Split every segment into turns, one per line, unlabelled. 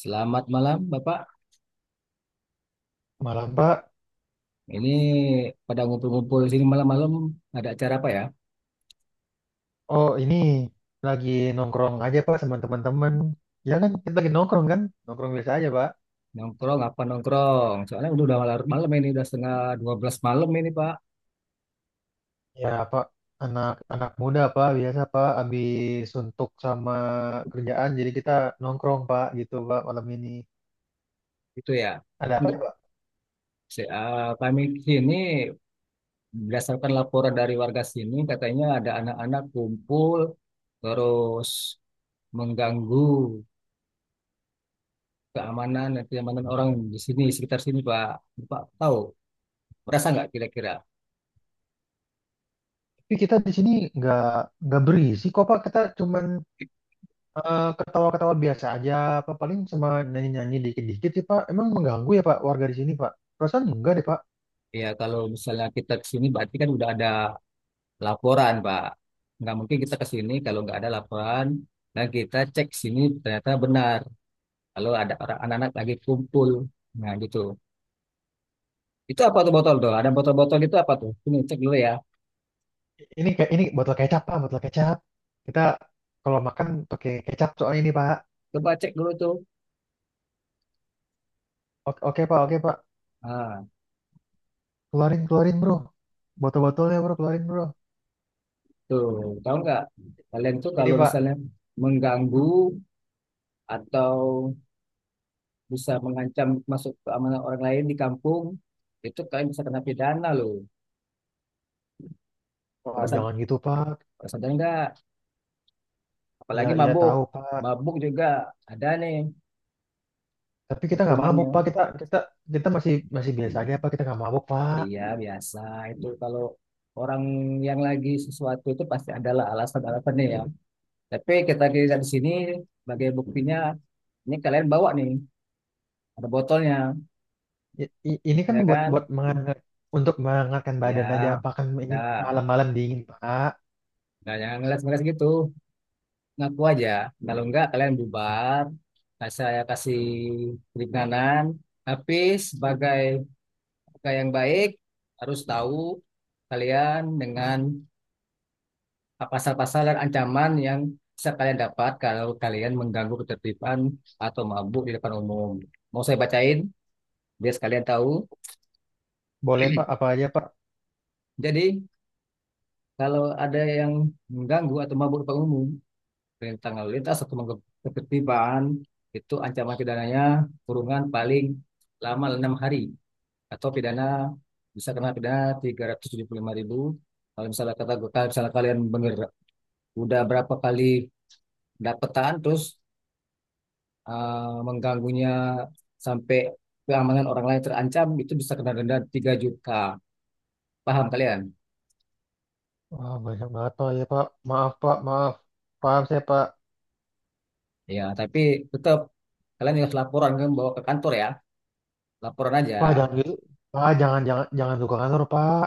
Selamat malam, Bapak.
Malam Pak,
Ini pada ngumpul-ngumpul di sini malam-malam ada acara apa ya?
oh ini lagi nongkrong aja Pak sama teman-teman. Ya kan kita lagi nongkrong kan, nongkrong biasa aja Pak.
Nongkrong apa nongkrong? Soalnya udah malam, malam ini udah setengah 12 malam ini, Pak.
Ya Pak, anak-anak muda Pak biasa Pak, habis suntuk sama kerjaan jadi kita nongkrong Pak gitu Pak malam ini.
Itu ya.
Ada apa
Enggak.
ya Pak?
Kami sini berdasarkan laporan dari warga sini katanya ada anak-anak kumpul terus mengganggu keamanan dan kenyamanan orang di sini sekitar sini, Pak. Bapak tahu? Merasa nggak kira-kira?
Tapi kita di sini nggak nggak berisi kok Pak, kita cuman ketawa-ketawa biasa aja Pak paling sama nyanyi-nyanyi dikit-dikit sih Pak. Emang mengganggu ya Pak warga di sini Pak? Perasaan enggak deh Pak.
Ya kalau misalnya kita ke sini berarti kan udah ada laporan, Pak. Nggak mungkin kita ke sini kalau nggak ada laporan dan kita cek sini ternyata benar. Kalau ada orang anak-anak lagi kumpul, nah gitu. Itu apa tuh botol tuh? Ada botol-botol itu apa tuh? Ini cek dulu ya.
Ini kayak ini botol kecap Pak, botol kecap. Kita kalau makan pakai kecap soalnya ini Pak.
Coba cek dulu tuh.
Oke, oke, Pak, oke Pak.
Ah,
Keluarin, keluarin Bro. Botol-botolnya Bro, keluarin Bro.
tuh tahu nggak? Kalian tuh kalau
Ini Pak.
misalnya mengganggu atau bisa mengancam masuk keamanan orang lain di kampung, itu kalian bisa kena pidana loh.
Wah,
Pada saat,
jangan gitu Pak.
pada sadar nggak?
Ya,
Apalagi
ya
mabuk.
tahu Pak.
Mabuk juga ada nih.
Tapi kita nggak mabuk
Hukumannya.
Pak. Kita kita kita masih masih biasa aja Pak. Kita nggak mabuk Pak.
Iya, biasa. Itu kalau orang yang lagi sesuatu itu pasti adalah alasan-alasannya ya. Tapi kita dilihat di sini sebagai buktinya, ini kalian bawa nih, ada botolnya,
Ini kan
ya
buat
kan?
buat menghangat untuk menghangatkan badan aja
Ya,
Pak. Kan ini
udah.
malam-malam dingin Pak.
Nggak jangan ngeles-ngeles gitu. Ngaku aja. Kalau enggak, kalian bubar. Nah, saya kasih keringanan. Tapi sebagai kakak yang baik, harus tahu kalian dengan pasal-pasal dan ancaman yang bisa kalian dapat kalau kalian mengganggu ketertiban atau mabuk di depan umum. Mau saya bacain biar sekalian tahu.
Boleh Pak, apa aja Pak?
Jadi, kalau ada yang mengganggu atau mabuk di depan umum, perintah lalu lintas atau mengganggu ketertiban, itu ancaman pidananya kurungan paling lama 6 hari atau pidana bisa kena pidana 375.000. Kalau misalnya kata kalau misalnya kalian bener udah berapa kali dapetan terus eh, mengganggunya sampai keamanan orang lain terancam itu bisa kena denda 3 juta. Paham kalian?
Wah, banyak banget Pak ya Pak. Maaf Pak, maaf. Paham saya Pak.
Ya, tapi tetap kalian harus laporan kan bawa ke kantor ya. Laporan aja.
Pak, jangan gitu. Pak, jangan jangan jangan buka kantor, Pak.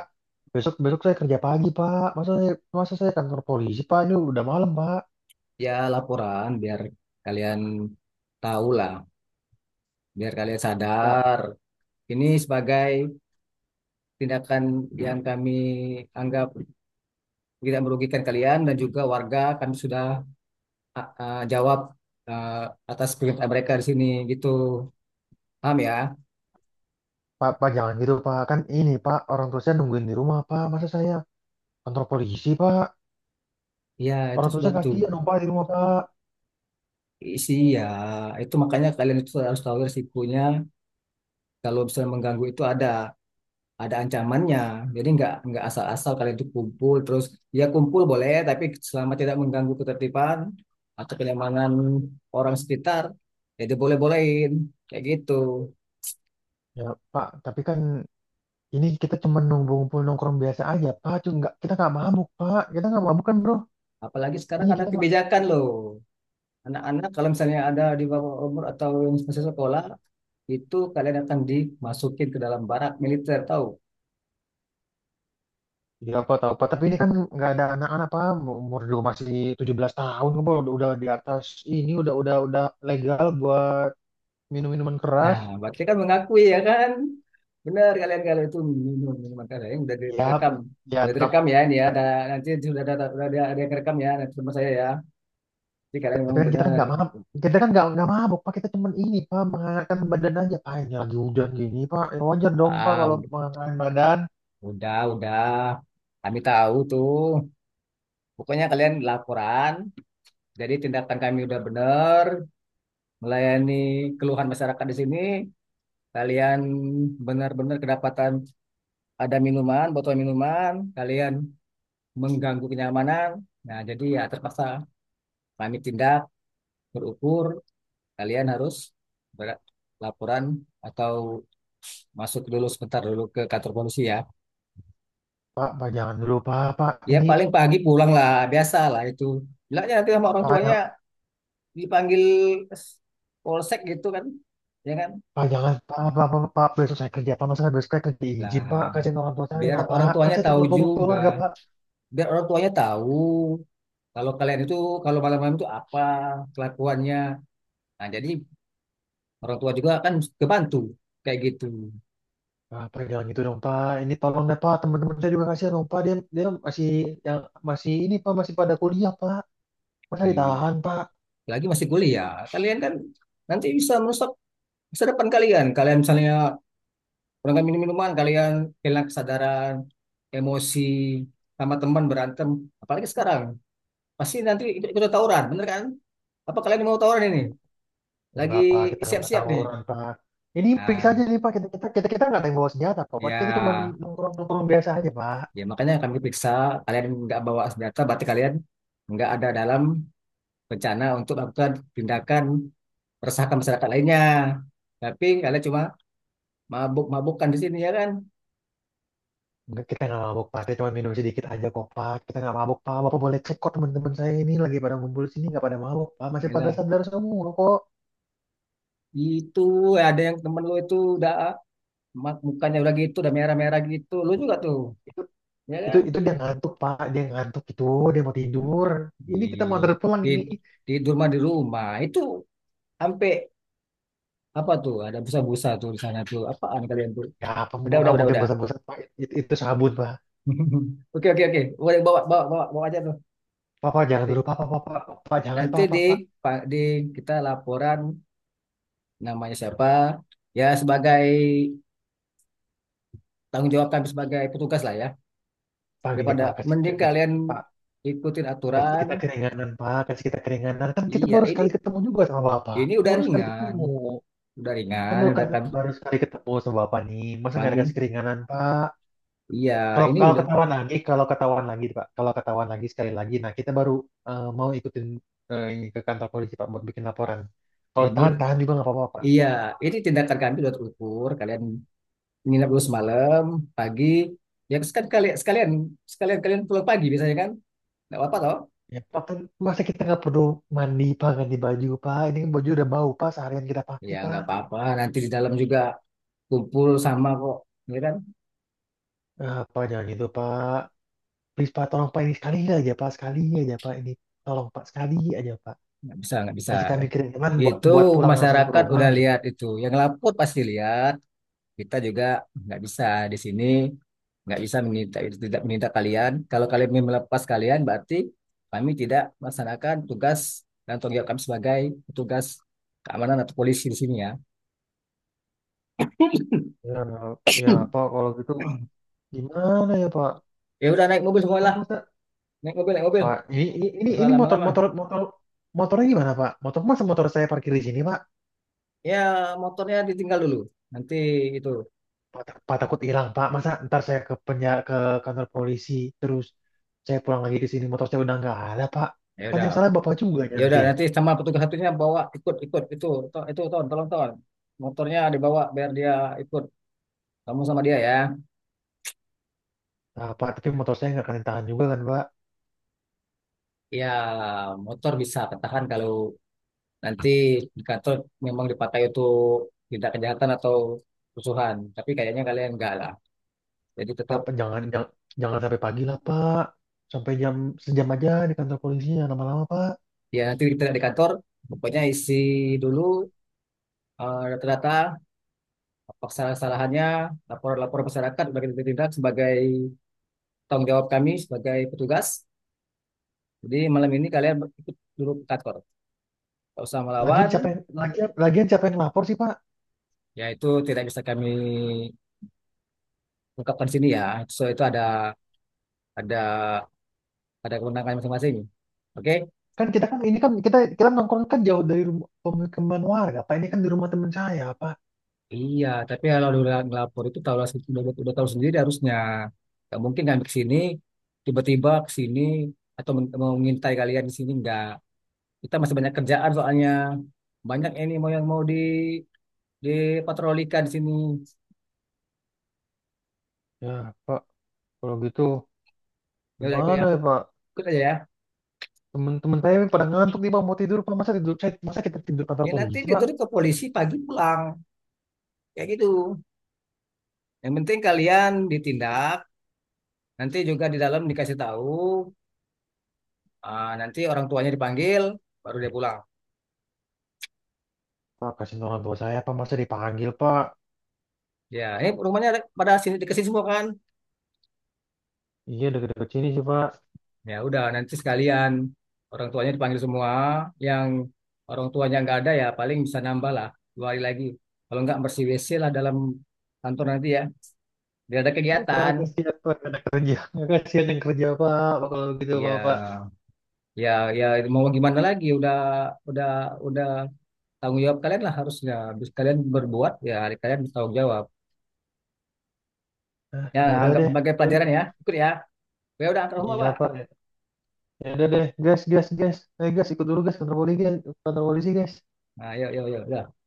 Besok besok saya kerja pagi, Pak. Masa saya kantor polisi, Pak? Ini udah malam, Pak.
Ya, laporan biar kalian tahu lah, biar kalian
Pak,
sadar. Ini sebagai tindakan yang kami anggap tidak merugikan kalian dan juga warga kami sudah ah, ah, jawab ah, atas perintah mereka di sini gitu. Paham ya?
Pak, Pak, jangan gitu, Pak. Kan ini, Pak, orang tua saya nungguin di rumah, Pak. Masa saya kantor polisi, Pak?
Ya, itu
Orang tua
sudah
saya
tuh.
kasihan dong, Pak, di rumah, Pak.
Isi ya, itu makanya kalian itu harus tahu risikonya. Kalau misalnya mengganggu itu ada ancamannya. Jadi nggak asal-asal kalian itu kumpul terus ya kumpul boleh, tapi selama tidak mengganggu ketertiban atau kenyamanan orang sekitar, ya diboleh-bolehin kayak gitu.
Ya, Pak, tapi kan ini kita cuma nunggu ngumpul nongkrong biasa aja, Pak. Cuma nggak, kita nggak mabuk, Pak. Kita nggak mabuk kan, bro?
Apalagi sekarang
Iya,
ada
kita nggak.
kebijakan loh. Anak-anak kalau misalnya ada di bawah umur atau yang masih sekolah, itu kalian akan dimasukin ke dalam barak militer, tahu?
Iya, apa tahu apa. Tapi ini kan nggak ada anak-anak pak umur juga masih 17 tahun apa udah di atas ini udah legal buat minum minuman keras.
Nah, berarti kan mengakui ya kan? Benar kalian kalau itu minum minuman keras yang udah
Ya,
direkam.
ya
Udah
tap-
direkam ya ini ya. Ada, nanti sudah ada yang rekam ya nanti sama saya ya. Jadi kalian
tapi
memang
kan kita kan
benar.
nggak mabuk. Kita kan nggak mabuk Pak. Kita cuman ini Pak menghangatkan badan aja. Pak ini lagi hujan gini Pak. Ya, wajar dong Pak
Ah,
kalau
udah,
menghangatkan badan.
udah, udah. Kami tahu tuh. Pokoknya kalian laporan. Jadi tindakan kami udah benar melayani keluhan masyarakat di sini. Kalian benar-benar kedapatan ada minuman, botol minuman, kalian mengganggu kenyamanan. Nah, jadi ya terpaksa kami tindak berukur kalian harus berlaporan atau masuk dulu sebentar dulu ke kantor polisi ya.
Pak, Pak jangan dulu Pak. Pak
Dia
ini
paling pagi pulang lah, biasa lah itu. Bilangnya nanti sama orang
Pak
tuanya
jangan
dipanggil polsek gitu kan, ya kan?
Pak jangan Pak Pak Pak, Pak, besok saya kerja Pak. Masa besok saya kerja izin Pak.
Lah,
Kasihin orang tua
biar
saya
orang
Pak. Kan
tuanya
saya
tahu
terlalu punggung
juga,
keluarga Pak.
biar orang tuanya tahu kalau kalian itu kalau malam-malam itu apa kelakuannya. Nah, jadi orang tua juga kan kebantu kayak gitu.
Ah, Pak, jangan gitu dong, Pak. Ini tolong deh, Pak. Teman-teman saya juga kasihan dong, Pak. Dia masih yang masih ini, Pak, masih pada kuliah, Pak. Masa
Iya.
ditahan, Pak?
Lagi masih kuliah. Kalian kan nanti bisa merusak masa depan kalian. Kalian misalnya kurang minum-minuman, kalian hilang kesadaran, emosi, sama teman berantem. Apalagi sekarang, pasti nanti ikut ikut tawuran, bener kan? Apa kalian mau tawuran ini? Lagi
Enggak, Pak. Kita nggak pernah
siap-siap nih.
tawuran, Pak. Ini periksa
Nah,
aja nih, Pak. Kita kita kita kita nggak ada yang bawa senjata, kok, Pak. Kita cuma
ya,
nongkrong-nongkrong biasa aja, Pak.
ya makanya kami periksa kalian nggak bawa senjata, berarti kalian nggak ada dalam rencana untuk melakukan tindakan meresahkan masyarakat lainnya. Tapi kalian cuma mabuk-mabukan di sini ya kan?
Enggak, kita nggak mabuk, Pak. Kita cuma minum sedikit aja, kok, Pak. Kita nggak mabuk, Pak. Bapak boleh cek kok teman-teman saya ini lagi pada ngumpul sini nggak pada mabuk, Pak. Masih pada
Gila.
sadar semua, kok.
Itu ada yang temen lu itu udah mukanya udah gitu, udah merah-merah gitu. Lu juga tuh,
Itu
ya kan?
itu dia ngantuk, Pak. Dia ngantuk itu. Dia mau tidur.
Di,
Ini kita mau antar pulang
di
ini.
tidur mah di rumah. Itu sampai apa tuh? Ada busa-busa tuh di sana tuh. Apaan kalian tuh?
Ya, apa mau
Udah, udah,
nggak
udah,
mungkin
udah.
bosan-bosan Pak? Itu sabun Pak.
Oke, oke, oke. Boleh bawa, bawa, bawa, bawa aja tuh.
Papa jangan
Nanti,
dulu, Papa, Papa, Pak jangan
nanti
Pak,
di,
Pak, Pak.
Pak, di kita laporan namanya siapa? Ya sebagai tanggung jawab kami sebagai petugas lah ya.
Pak gini
Daripada
Pak, kasih,
mending
kasih
kalian
Pak,
ikutin
kasih kita
aturan.
keringanan Pak, kasih kita keringanan. Kan kita
Iya,
baru
ini
sekali ketemu juga sama Bapak.
ini
Kan
udah
baru sekali
ringan,
ketemu.
udah ringan,
Kan,
udah kan
baru sekali ketemu sama Bapak nih. Masa nggak dikasih
kambing.
keringanan Pak?
Iya,
Kalau
ini udah
kalau ketahuan lagi Pak, kalau ketahuan lagi sekali lagi, nah kita baru mau ikutin ini ke kantor polisi Pak buat bikin laporan. Kalau
ini
tahan-tahan juga nggak apa-apa Pak.
iya, ini tindakan kami udah terukur. Kalian nginep dulu semalam, pagi. Ya kan kalian sekalian sekalian kalian pulang pagi biasanya kan? Nggak apa-apa toh?
Ya, Pak, kan masa kita nggak perlu mandi, Pak, ganti baju, Pak. Ini kan baju udah bau, Pak, seharian kita pakai,
Iya,
Pak.
nggak apa-apa. Nanti di dalam juga kumpul sama kok, ya kan?
Eh, Pak, jangan gitu, Pak. Please, Pak, tolong, Pak, ini sekali aja, Pak. Sekali aja, Pak. Ini, tolong, Pak, sekali aja, Pak.
Nggak bisa, nggak bisa.
Kasih kami kiriman buat,
Itu
buat pulang langsung ke
masyarakat
rumah,
udah
gitu,
lihat
Pak.
itu. Yang lapor pasti lihat. Kita juga nggak bisa di sini nggak bisa meminta tidak meminta kalian kalau kalian ingin melepas kalian berarti kami tidak melaksanakan tugas dan tanggung jawab kami sebagai petugas keamanan atau polisi di sini ya.
Ya, ya, Pak, kalau gitu gimana ya, Pak?
Ya udah naik mobil
Kan
semualah,
masa,
naik mobil.
Pak, ini, ini
Nggak usah
ini motor,
lama-lama
motor, motor, motornya gimana, Pak? Motor masa motor saya parkir di sini, Pak?
ya. Motornya ditinggal dulu nanti itu.
Pak, Pak takut hilang, Pak. Masa ntar saya ke penjara, ke kantor polisi, terus saya pulang lagi ke sini, motor saya udah nggak ada, Pak.
Ya
Kan
udah,
yang salah Bapak juga
ya udah
nanti.
nanti sama petugas satunya bawa ikut ikut itu to, itu ton tolong ton motornya dibawa biar dia ikut kamu sama dia ya.
Nah, Pak, tapi motor saya nggak kena tangan juga kan, Pak.
Ya motor bisa ketahan kalau nanti di kantor memang dipakai untuk tindak kejahatan atau kerusuhan. Tapi kayaknya kalian enggak lah. Jadi
Pak,
tetap
jangan sampai pagi lah, Pak. Sampai jam sejam aja di kantor polisinya lama-lama, Pak.
ya nanti kita di kantor pokoknya isi dulu data-data apa kesalahan-kesalahannya, lapor-lapor masyarakat sebagai tindak sebagai tanggung jawab kami sebagai petugas. Jadi malam ini kalian ikut dulu ke kantor. Kalau usah melawan,
Lagian siapa yang lapor sih, Pak?
ya itu tidak bisa kami ungkapkan di sini ya. So itu ada ada kewenangan masing-masing. Oke?
Kan kita kan ini kan kita kita nongkrong kan jauh dari rumah pemukiman warga, Pak. Ini kan di rumah teman saya, Pak.
Iya, tapi kalau udah ngelapor itu tahu lah, udah tahu sendiri harusnya. Gak mungkin kan ke sini, tiba-tiba ke sini atau mau mengintai kalian di sini enggak. Kita masih banyak kerjaan soalnya. Banyak ini mau yang mau di dipatrolikan di sini.
Ya, Pak, kalau gitu
Ya udah ikut ya,
gimana ya, Pak?
ikut aja ya.
Teman-teman saya yang pada ngantuk nih Pak, mau tidur Pak. Masa tidur saya, masa kita tidur kantor
Ya nanti
polisi Pak?
tidur ke polisi pagi pulang kayak gitu. Yang penting kalian ditindak, nanti juga di dalam dikasih tahu. Ah, nanti orang tuanya dipanggil, baru dia pulang.
Pak, kasihan orang tua saya Pak, masa dipanggil Pak?
Ya, ini rumahnya ada- pada sini dikasih semua kan?
Iya, deket-deket sini sih Pak.
Ya udah nanti sekalian orang tuanya dipanggil semua. Yang orang tuanya nggak ada ya paling bisa nambah lah 2 hari lagi. Kalau nggak bersih WC lah dalam kantor nanti ya. Biar ada
Aduh, Pak,
kegiatan.
kasihan Pak, ada kerja. Nggak kasihan yang kerja Pak, Pak, kalau gitu
Iya,
Pak, Pak.
ya, ya mau gimana lagi? Udah, udah. Tanggung jawab kalian lah harusnya. Habis kalian berbuat ya hari kalian bertanggung jawab.
Ah,
Ya
ya udah
anggap
deh.
sebagai
Dan
pelajaran ya. Ikut ya. Ya udah antar rumah
iya
Pak.
Pak, ya udah deh. Gas, gas, gas. Eh, gas, ikut dulu gas, kantor polisi, guys. Kantor polisi guys.
Nah, yuk, yuk, yuk. Udah.